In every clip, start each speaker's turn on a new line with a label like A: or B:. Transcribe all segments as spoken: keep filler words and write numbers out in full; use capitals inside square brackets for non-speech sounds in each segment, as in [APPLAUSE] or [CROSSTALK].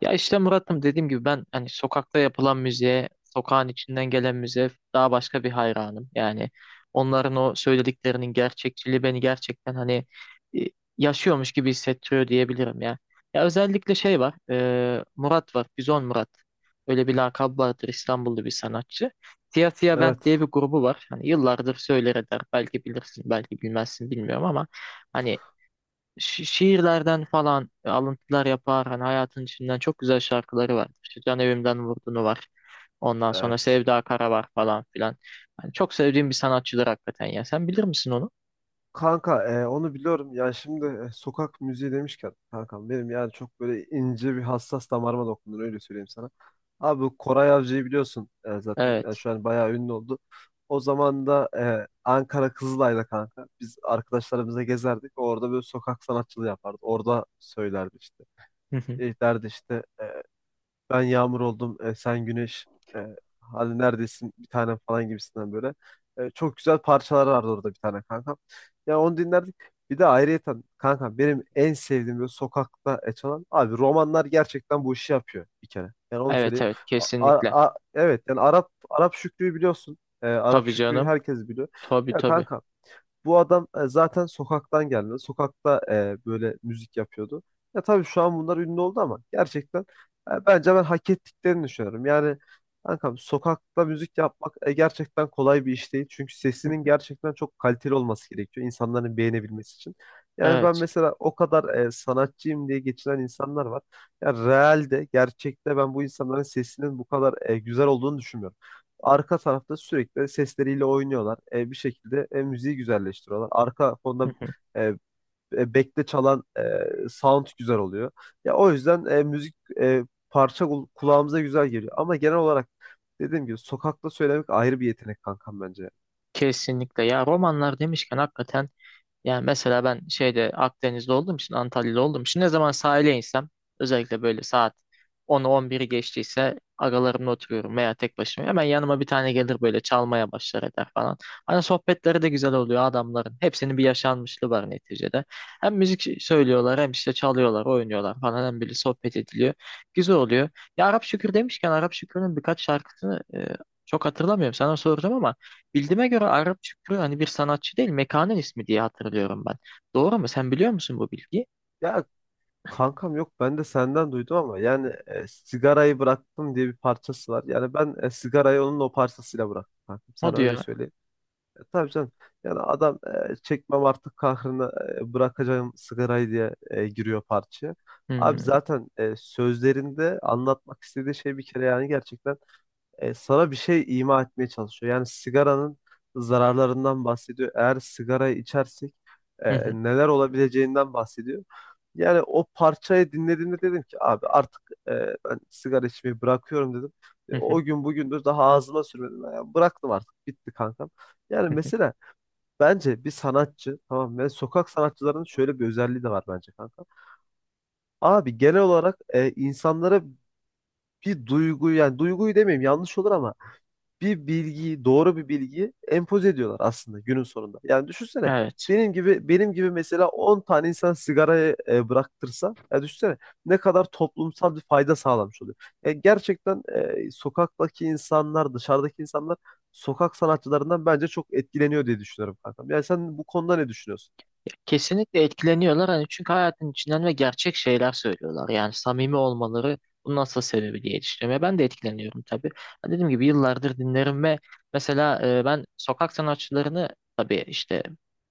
A: Ya işte Murat'ım dediğim gibi ben hani sokakta yapılan müziğe, sokağın içinden gelen müziğe daha başka bir hayranım. Yani onların o söylediklerinin gerçekçiliği beni gerçekten hani e, yaşıyormuş gibi hissettiriyor diyebilirim ya. Ya özellikle şey var, e, Murat var, Bizon Murat. Öyle bir lakabı vardır, İstanbullu bir sanatçı. Siyah Siyah Band
B: Evet,
A: diye bir grubu var. Hani yıllardır söyler eder. Belki bilirsin, belki bilmezsin, bilmiyorum ama hani şi- şiirlerden falan alıntılar yapar. Hani hayatın içinden çok güzel şarkıları var. İşte Can Evimden Vurdunu var. Ondan sonra
B: evet.
A: Sevda Kara var falan filan. Yani çok sevdiğim bir sanatçıdır hakikaten ya. Sen bilir misin onu?
B: Kanka e, onu biliyorum. Yani şimdi e, sokak müziği demişken kankam benim, yani çok böyle ince bir hassas damarıma dokunur, öyle söyleyeyim sana. Abi bu Koray Avcı'yı biliyorsun e, zaten. Yani
A: Evet.
B: şu an bayağı ünlü oldu. O zaman da e, Ankara Kızılay'da kanka biz arkadaşlarımıza gezerdik. Orada böyle sokak sanatçılığı yapardı. Orada söylerdi işte.
A: Hı hı.
B: E, derdi işte, e, ben yağmur oldum, e, sen güneş, e, hadi neredesin bir tanem falan gibisinden böyle. E, çok güzel parçalar vardı orada bir tane kankam. Ya onu dinlerdik. Bir de ayrıyeten kankam benim en sevdiğim böyle sokakta e, çalan abi romanlar gerçekten bu işi yapıyor bir kere. Yani onu
A: Evet,
B: söyleyeyim.
A: evet,
B: A-
A: kesinlikle.
B: a- a- evet, yani Arap Arap Şükrü'yü biliyorsun. E, Arap
A: Tabii
B: Şükrü'yü
A: canım.
B: herkes biliyor.
A: Tabii,
B: Ya
A: tabii.
B: kanka, bu adam e, zaten sokaktan geldi. Sokakta e, böyle müzik yapıyordu. Ya tabii şu an bunlar ünlü oldu ama gerçekten e, bence ben hak ettiklerini düşünüyorum. Yani kankam, sokakta müzik yapmak e, gerçekten kolay bir iş değil. Çünkü
A: Hı
B: sesinin
A: hı.
B: gerçekten çok kaliteli olması gerekiyor insanların beğenebilmesi için. Yani ben
A: Evet.
B: mesela, o kadar e, sanatçıyım diye geçinen insanlar var. Ya realde, gerçekte ben bu insanların sesinin bu kadar e, güzel olduğunu düşünmüyorum. Arka tarafta sürekli sesleriyle oynuyorlar. E, bir şekilde e, müziği güzelleştiriyorlar. Arka
A: Hı
B: fonda
A: hı.
B: e, e, bekle çalan e, sound güzel oluyor. Ya o yüzden e, müzik, e, parça kul- kulağımıza güzel geliyor. Ama genel olarak dediğim gibi sokakta söylemek ayrı bir yetenek kankam bence.
A: Kesinlikle. Ya romanlar demişken, hakikaten yani mesela ben şeyde Akdeniz'de olduğum için, Antalya'da olduğum için ne zaman sahile insem, özellikle böyle saat onu on biri geçtiyse, agalarımla oturuyorum veya tek başıma. Hemen yanıma bir tane gelir, böyle çalmaya başlar eder falan. Hani sohbetleri de güzel oluyor adamların. Hepsinin bir yaşanmışlığı var neticede. Hem müzik söylüyorlar, hem işte çalıyorlar, oynuyorlar falan, hem böyle sohbet ediliyor. Güzel oluyor. Ya Arap Şükür demişken, Arap Şükür'ün birkaç şarkısını e, çok hatırlamıyorum. Sana soracağım ama bildiğime göre Arap Şükrü hani bir sanatçı değil, mekanın ismi diye hatırlıyorum ben. Doğru mu? Sen biliyor musun bu bilgi?
B: Ya kankam, yok, ben de senden duydum ama yani e, sigarayı bıraktım diye bir parçası var. Yani ben e, sigarayı onun o parçasıyla bıraktım kankam.
A: O
B: Sana öyle
A: diyor.
B: söyleyeyim. Tabii canım. Yani adam, e, çekmem artık kahrını, e, bırakacağım sigarayı diye e, giriyor parçaya. Abi
A: "Hmm,
B: zaten e, sözlerinde anlatmak istediği şey bir kere, yani gerçekten e, sana bir şey ima etmeye çalışıyor. Yani sigaranın zararlarından bahsediyor. Eğer sigarayı içersek e,
A: hı hı,
B: neler olabileceğinden bahsediyor. Yani o parçayı dinlediğimde dedim ki abi artık e, ben sigara içmeyi bırakıyorum dedim. E,
A: hı hı, hı hı,
B: o gün bugündür daha ağzıma sürmedim. Yani bıraktım, artık bitti kankam. Yani mesela, bence bir sanatçı, tamam mı? Yani sokak sanatçılarının şöyle bir özelliği de var bence kanka. Abi genel olarak e, insanlara bir duyguyu, yani duyguyu demeyeyim yanlış olur ama bir bilgiyi, doğru bir bilgiyi empoze ediyorlar aslında günün sonunda. Yani düşünsene,
A: evet.
B: benim gibi benim gibi mesela on tane insan sigarayı e, bıraktırsa, ya düşünsene ne kadar toplumsal bir fayda sağlamış oluyor. E, gerçekten e, sokaktaki insanlar, dışarıdaki insanlar sokak sanatçılarından bence çok etkileniyor diye düşünüyorum kankam. Yani sen bu konuda ne düşünüyorsun?
A: Kesinlikle etkileniyorlar hani, çünkü hayatın içinden ve gerçek şeyler söylüyorlar. Yani samimi olmaları bunun asıl sebebi diye düşünüyorum. Ya ben de etkileniyorum tabii. Ha, dediğim gibi yıllardır dinlerim ve mesela e, ben sokak sanatçılarını tabii işte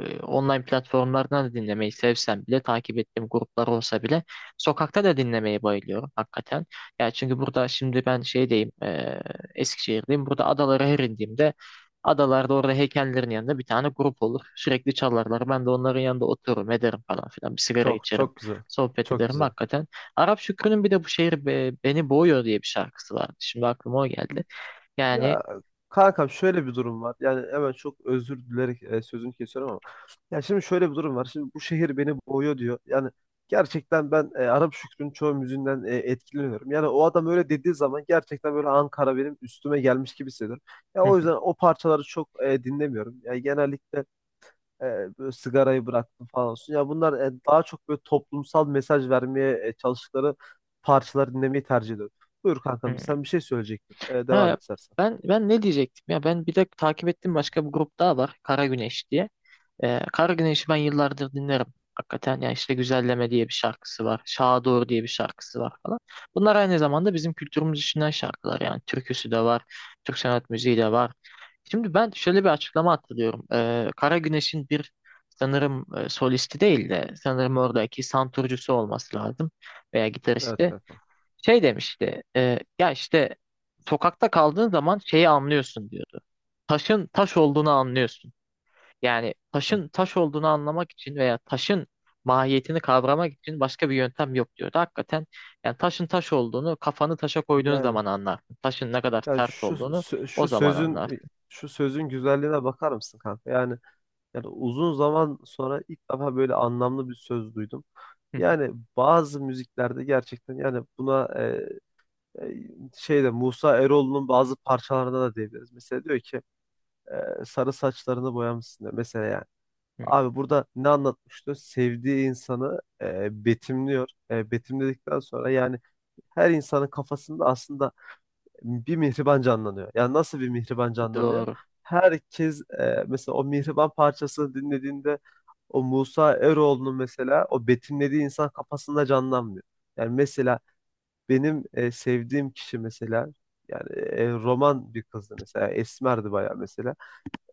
A: e, online platformlardan da dinlemeyi sevsem bile, takip ettiğim gruplar olsa bile, sokakta da dinlemeyi bayılıyorum hakikaten. Ya çünkü burada şimdi ben şeydeyim, e, Eskişehir'deyim. Burada adalara her indiğimde, adalarda orada heykellerin yanında bir tane grup olur. Sürekli çalarlar. Ben de onların yanında otururum, ederim falan filan. Bir sigara
B: Çok
A: içerim,
B: çok güzel.
A: sohbet
B: Çok
A: ederim
B: güzel.
A: hakikaten. Arap Şükrü'nün bir de bu şehir be- beni boğuyor diye bir şarkısı vardı. Şimdi aklıma o geldi. Yani
B: Ya kankam, şöyle bir durum var. Yani hemen çok özür dilerek e, sözünü kesiyorum ama. Ya şimdi şöyle bir durum var. Şimdi bu şehir beni boğuyor diyor. Yani gerçekten ben e, Arap Şükrü'nün çoğu müziğinden e, etkileniyorum. Yani o adam öyle dediği zaman gerçekten böyle Ankara benim üstüme gelmiş gibi hissediyorum. Ya o yüzden
A: [LAUGHS]
B: o parçaları çok e, dinlemiyorum. Yani genellikle E, böyle sigarayı bıraktım falan olsun. Ya bunlar e, daha çok böyle toplumsal mesaj vermeye e, çalıştıkları parçaları dinlemeyi tercih ediyorum. Buyur kankam, sen bir şey söyleyecektin. E, devam
A: ha,
B: et istersen.
A: ben ben ne diyecektim ya? Ben bir de takip ettiğim başka bir grup daha var. Kara Güneş diye. Ee, Kara Güneş'i ben yıllardır dinlerim. Hakikaten ya işte Güzelleme diye bir şarkısı var. Şaha Doğru diye bir şarkısı var falan. Bunlar aynı zamanda bizim kültürümüz içinden şarkılar yani. Türküsü de var, Türk sanat müziği de var. Şimdi ben şöyle bir açıklama hatırlıyorum. Ee, Kara Güneş'in bir sanırım e, solisti değil de sanırım oradaki santurcusu olması lazım veya
B: Evet
A: gitaristi.
B: kankam.
A: Şey demişti, e, ya işte sokakta kaldığın zaman şeyi anlıyorsun diyordu. Taşın taş olduğunu anlıyorsun. Yani
B: Evet.
A: taşın taş olduğunu anlamak için veya taşın mahiyetini kavramak için başka bir yöntem yok diyordu. Hakikaten yani taşın taş olduğunu kafanı taşa koyduğun
B: Yani,
A: zaman anlarsın. Taşın ne kadar
B: yani
A: sert
B: şu
A: olduğunu
B: sö-
A: o
B: şu
A: zaman
B: sözün, e,
A: anlarsın.
B: şu sözün güzelliğine bakar mısın kanka? Yani yani uzun zaman sonra ilk defa böyle anlamlı bir söz duydum. Yani bazı müziklerde gerçekten, yani buna e, e, şeyde Musa Eroğlu'nun bazı parçalarında da diyebiliriz. Mesela diyor ki, e, sarı saçlarını boyamışsın diyor. Mesela yani. Abi
A: [LAUGHS]
B: burada ne anlatmıştı? Sevdiği insanı e, betimliyor. E, betimledikten sonra yani her insanın kafasında aslında bir mihriban canlanıyor. Yani nasıl bir mihriban canlanıyor?
A: Doğru.
B: Herkes, e, mesela o mihriban parçasını dinlediğinde o Musa Eroğlu'nun mesela o betimlediği insan kafasında canlanmıyor. Yani mesela benim e, sevdiğim kişi mesela, yani e, roman bir kızdı mesela, esmerdi bayağı mesela.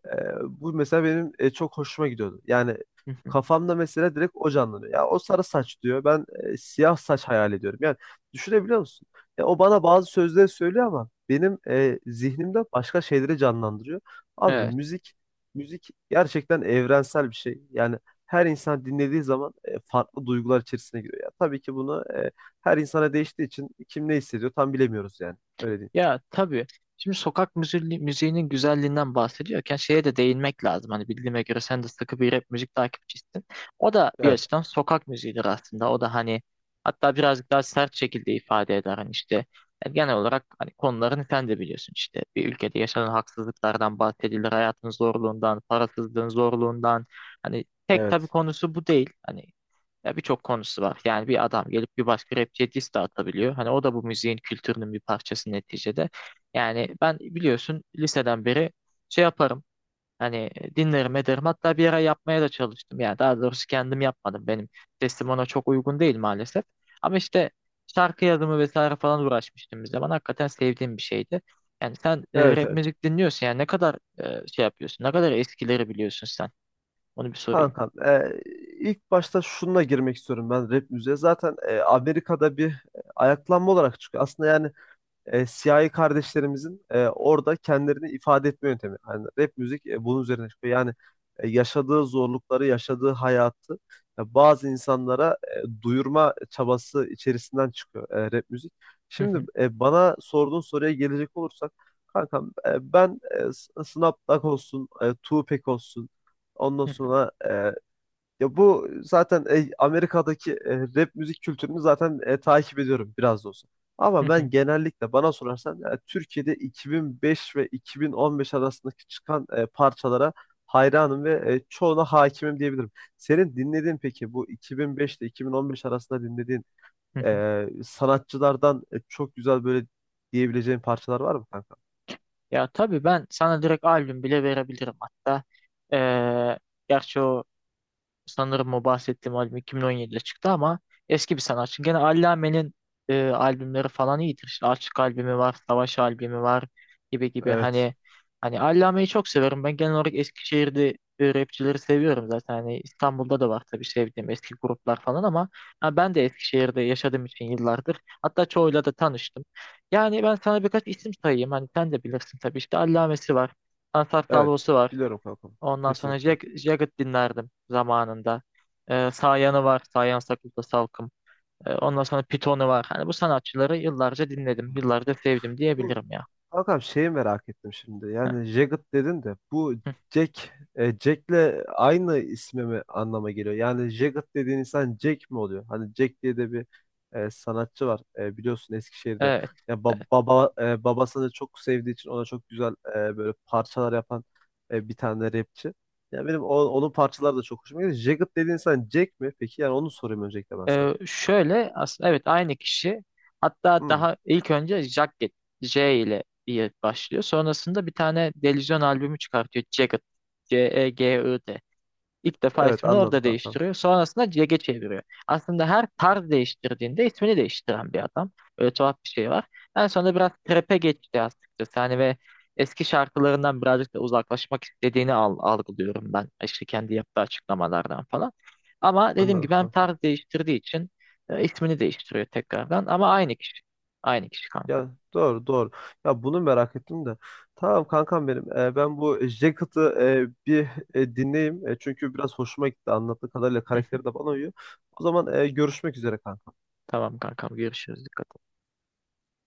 B: Ee, bu mesela benim e, çok hoşuma gidiyordu. Yani
A: [LAUGHS]
B: kafamda mesela direkt o canlanıyor. Ya o sarı saç diyor. Ben e, siyah saç hayal ediyorum. Yani düşünebiliyor musun? Ya o bana bazı sözleri söylüyor ama benim e, zihnimde başka şeyleri canlandırıyor. Abi
A: Evet.
B: müzik müzik gerçekten evrensel bir şey. Yani her insan dinlediği zaman e, farklı duygular içerisine giriyor. Ya tabii ki bunu e, her insana değiştiği için kim ne hissediyor tam bilemiyoruz yani. Öyle değil.
A: Ya tabii. Şimdi sokak müziği, müziğinin güzelliğinden bahsediyorken şeye de değinmek lazım. Hani bildiğime göre sen de sıkı bir rap müzik takipçisin. O da bir
B: Evet.
A: açıdan sokak müziğidir aslında. O da hani, hatta birazcık daha sert şekilde ifade eder. Hani işte yani genel olarak hani konularını sen de biliyorsun işte. Bir ülkede yaşanan haksızlıklardan bahsedilir. Hayatın zorluğundan, parasızlığın zorluğundan. Hani tek tabii
B: Evet.
A: konusu bu değil. Hani ya birçok konusu var. Yani bir adam gelip bir başka rapçiye diss de atabiliyor. Hani o da bu müziğin kültürünün bir parçası neticede. Yani ben biliyorsun liseden beri şey yaparım. Hani dinlerim ederim. Hatta bir ara yapmaya da çalıştım. Yani daha doğrusu kendim yapmadım. Benim sesim ona çok uygun değil maalesef. Ama işte şarkı yazımı vesaire falan uğraşmıştım bir zaman. Hakikaten sevdiğim bir şeydi. Yani sen e,
B: Evet,
A: rap
B: evet.
A: müzik dinliyorsun. Yani ne kadar e, şey yapıyorsun? Ne kadar eskileri biliyorsun sen? Onu bir sorayım.
B: Kankam, e, ilk başta şununla girmek istiyorum ben rap müziğe. Zaten e, Amerika'da bir e, ayaklanma olarak çıkıyor aslında. Yani e, siyahi kardeşlerimizin e, orada kendilerini ifade etme yöntemi. Yani rap müzik e, bunun üzerine çıkıyor. Yani e, yaşadığı zorlukları, yaşadığı hayatı e, bazı insanlara e, duyurma çabası içerisinden çıkıyor e, rap müzik.
A: Hı
B: Şimdi
A: hı,
B: e, bana sorduğun soruya gelecek olursak, kankam e, ben e, Snapback olsun, e, Tupac olsun, ondan
A: hı hı,
B: sonra e, ya bu zaten e, Amerika'daki e, rap müzik kültürünü zaten e, takip ediyorum biraz da olsa.
A: hı
B: Ama
A: hı,
B: ben genellikle, bana sorarsan, e, Türkiye'de iki bin beş ve iki bin on beş arasındaki çıkan e, parçalara hayranım ve e, çoğuna hakimim diyebilirim. Senin dinlediğin, peki bu iki bin beş ile iki bin on beş arasında dinlediğin
A: hı hı.
B: e, sanatçılardan e, çok güzel böyle diyebileceğin parçalar var mı kanka?
A: Ya tabii ben sana direkt albüm bile verebilirim hatta. Ee, gerçi o sanırım o bahsettiğim albüm iki bin on yedide çıktı ama eski bir sanatçı. Gene Allame'nin e, albümleri falan iyidir. İşte Açık albümü var, Savaş albümü var gibi gibi.
B: Evet.
A: Hani hani Allame'yi çok severim. Ben genel olarak Eskişehir'de e, rapçileri seviyorum zaten. Hani İstanbul'da da var tabii sevdiğim eski gruplar falan ama ha, ben de Eskişehir'de yaşadığım için yıllardır. Hatta çoğuyla da tanıştım. Yani ben sana birkaç isim sayayım. Hani sen de bilirsin tabii. İşte Allame'si var. Ansar
B: Evet.
A: Salvo'su var.
B: Biliyorum kanka.
A: Ondan sonra
B: Kesinlikle.
A: Jag Jagged dinlerdim zamanında. Ee, Sayan'ı var. Sayan Sakız'da Salkım. Ee, ondan sonra Python'u var. Hani bu sanatçıları yıllarca dinledim. Yıllarca sevdim
B: Bu
A: diyebilirim ya.
B: kankam, şeyi merak ettim şimdi.
A: Heh.
B: Yani Jagged dedin de bu
A: Hı.
B: Jack, e, Jack'le aynı ismi mi anlama geliyor? Yani Jagged dediğin insan Jack mi oluyor? Hani Jack diye de bir e, sanatçı var. E, biliyorsun Eskişehir'de.
A: Evet.
B: Ya ba-
A: Evet.
B: baba, e, babasını çok sevdiği için ona çok güzel e, böyle parçalar yapan e, bir tane rapçi. Ya benim o- onun parçaları da çok hoşuma gidiyor. Jagged dediğin insan Jack mi? Peki yani onu sorayım öncelikle ben sana.
A: Ee, şöyle aslında evet aynı kişi. Hatta
B: Hmm,
A: daha ilk önce Jagged J ile diye başlıyor. Sonrasında bir tane delüzyon albümü çıkartıyor. Jagged. C E G I D. İlk defa
B: evet
A: ismini
B: anladım
A: orada
B: kankam.
A: değiştiriyor. Sonrasında C G çeviriyor. Aslında her tarz değiştirdiğinde ismini değiştiren bir adam. Öyle tuhaf bir şey var. En sonunda biraz trap'e geçti açıkçası. Hani ve eski şarkılarından birazcık da uzaklaşmak istediğini al- algılıyorum ben. İşte kendi yaptığı açıklamalardan falan. Ama dediğim
B: Anladım
A: gibi hem
B: kankam.
A: tarz değiştirdiği için e, ismini değiştiriyor tekrardan. Ama aynı kişi. Aynı kişi kanka.
B: Ya doğru doğru. Ya bunu merak ettim de. Tamam kankam benim. Ee, ben bu Jacket'ı e, bir e, dinleyeyim. E, çünkü biraz hoşuma gitti. Anlattığı kadarıyla karakteri de
A: [LAUGHS]
B: bana uyuyor. O zaman e, görüşmek üzere kanka.
A: Tamam kankam, görüşürüz. Dikkat et.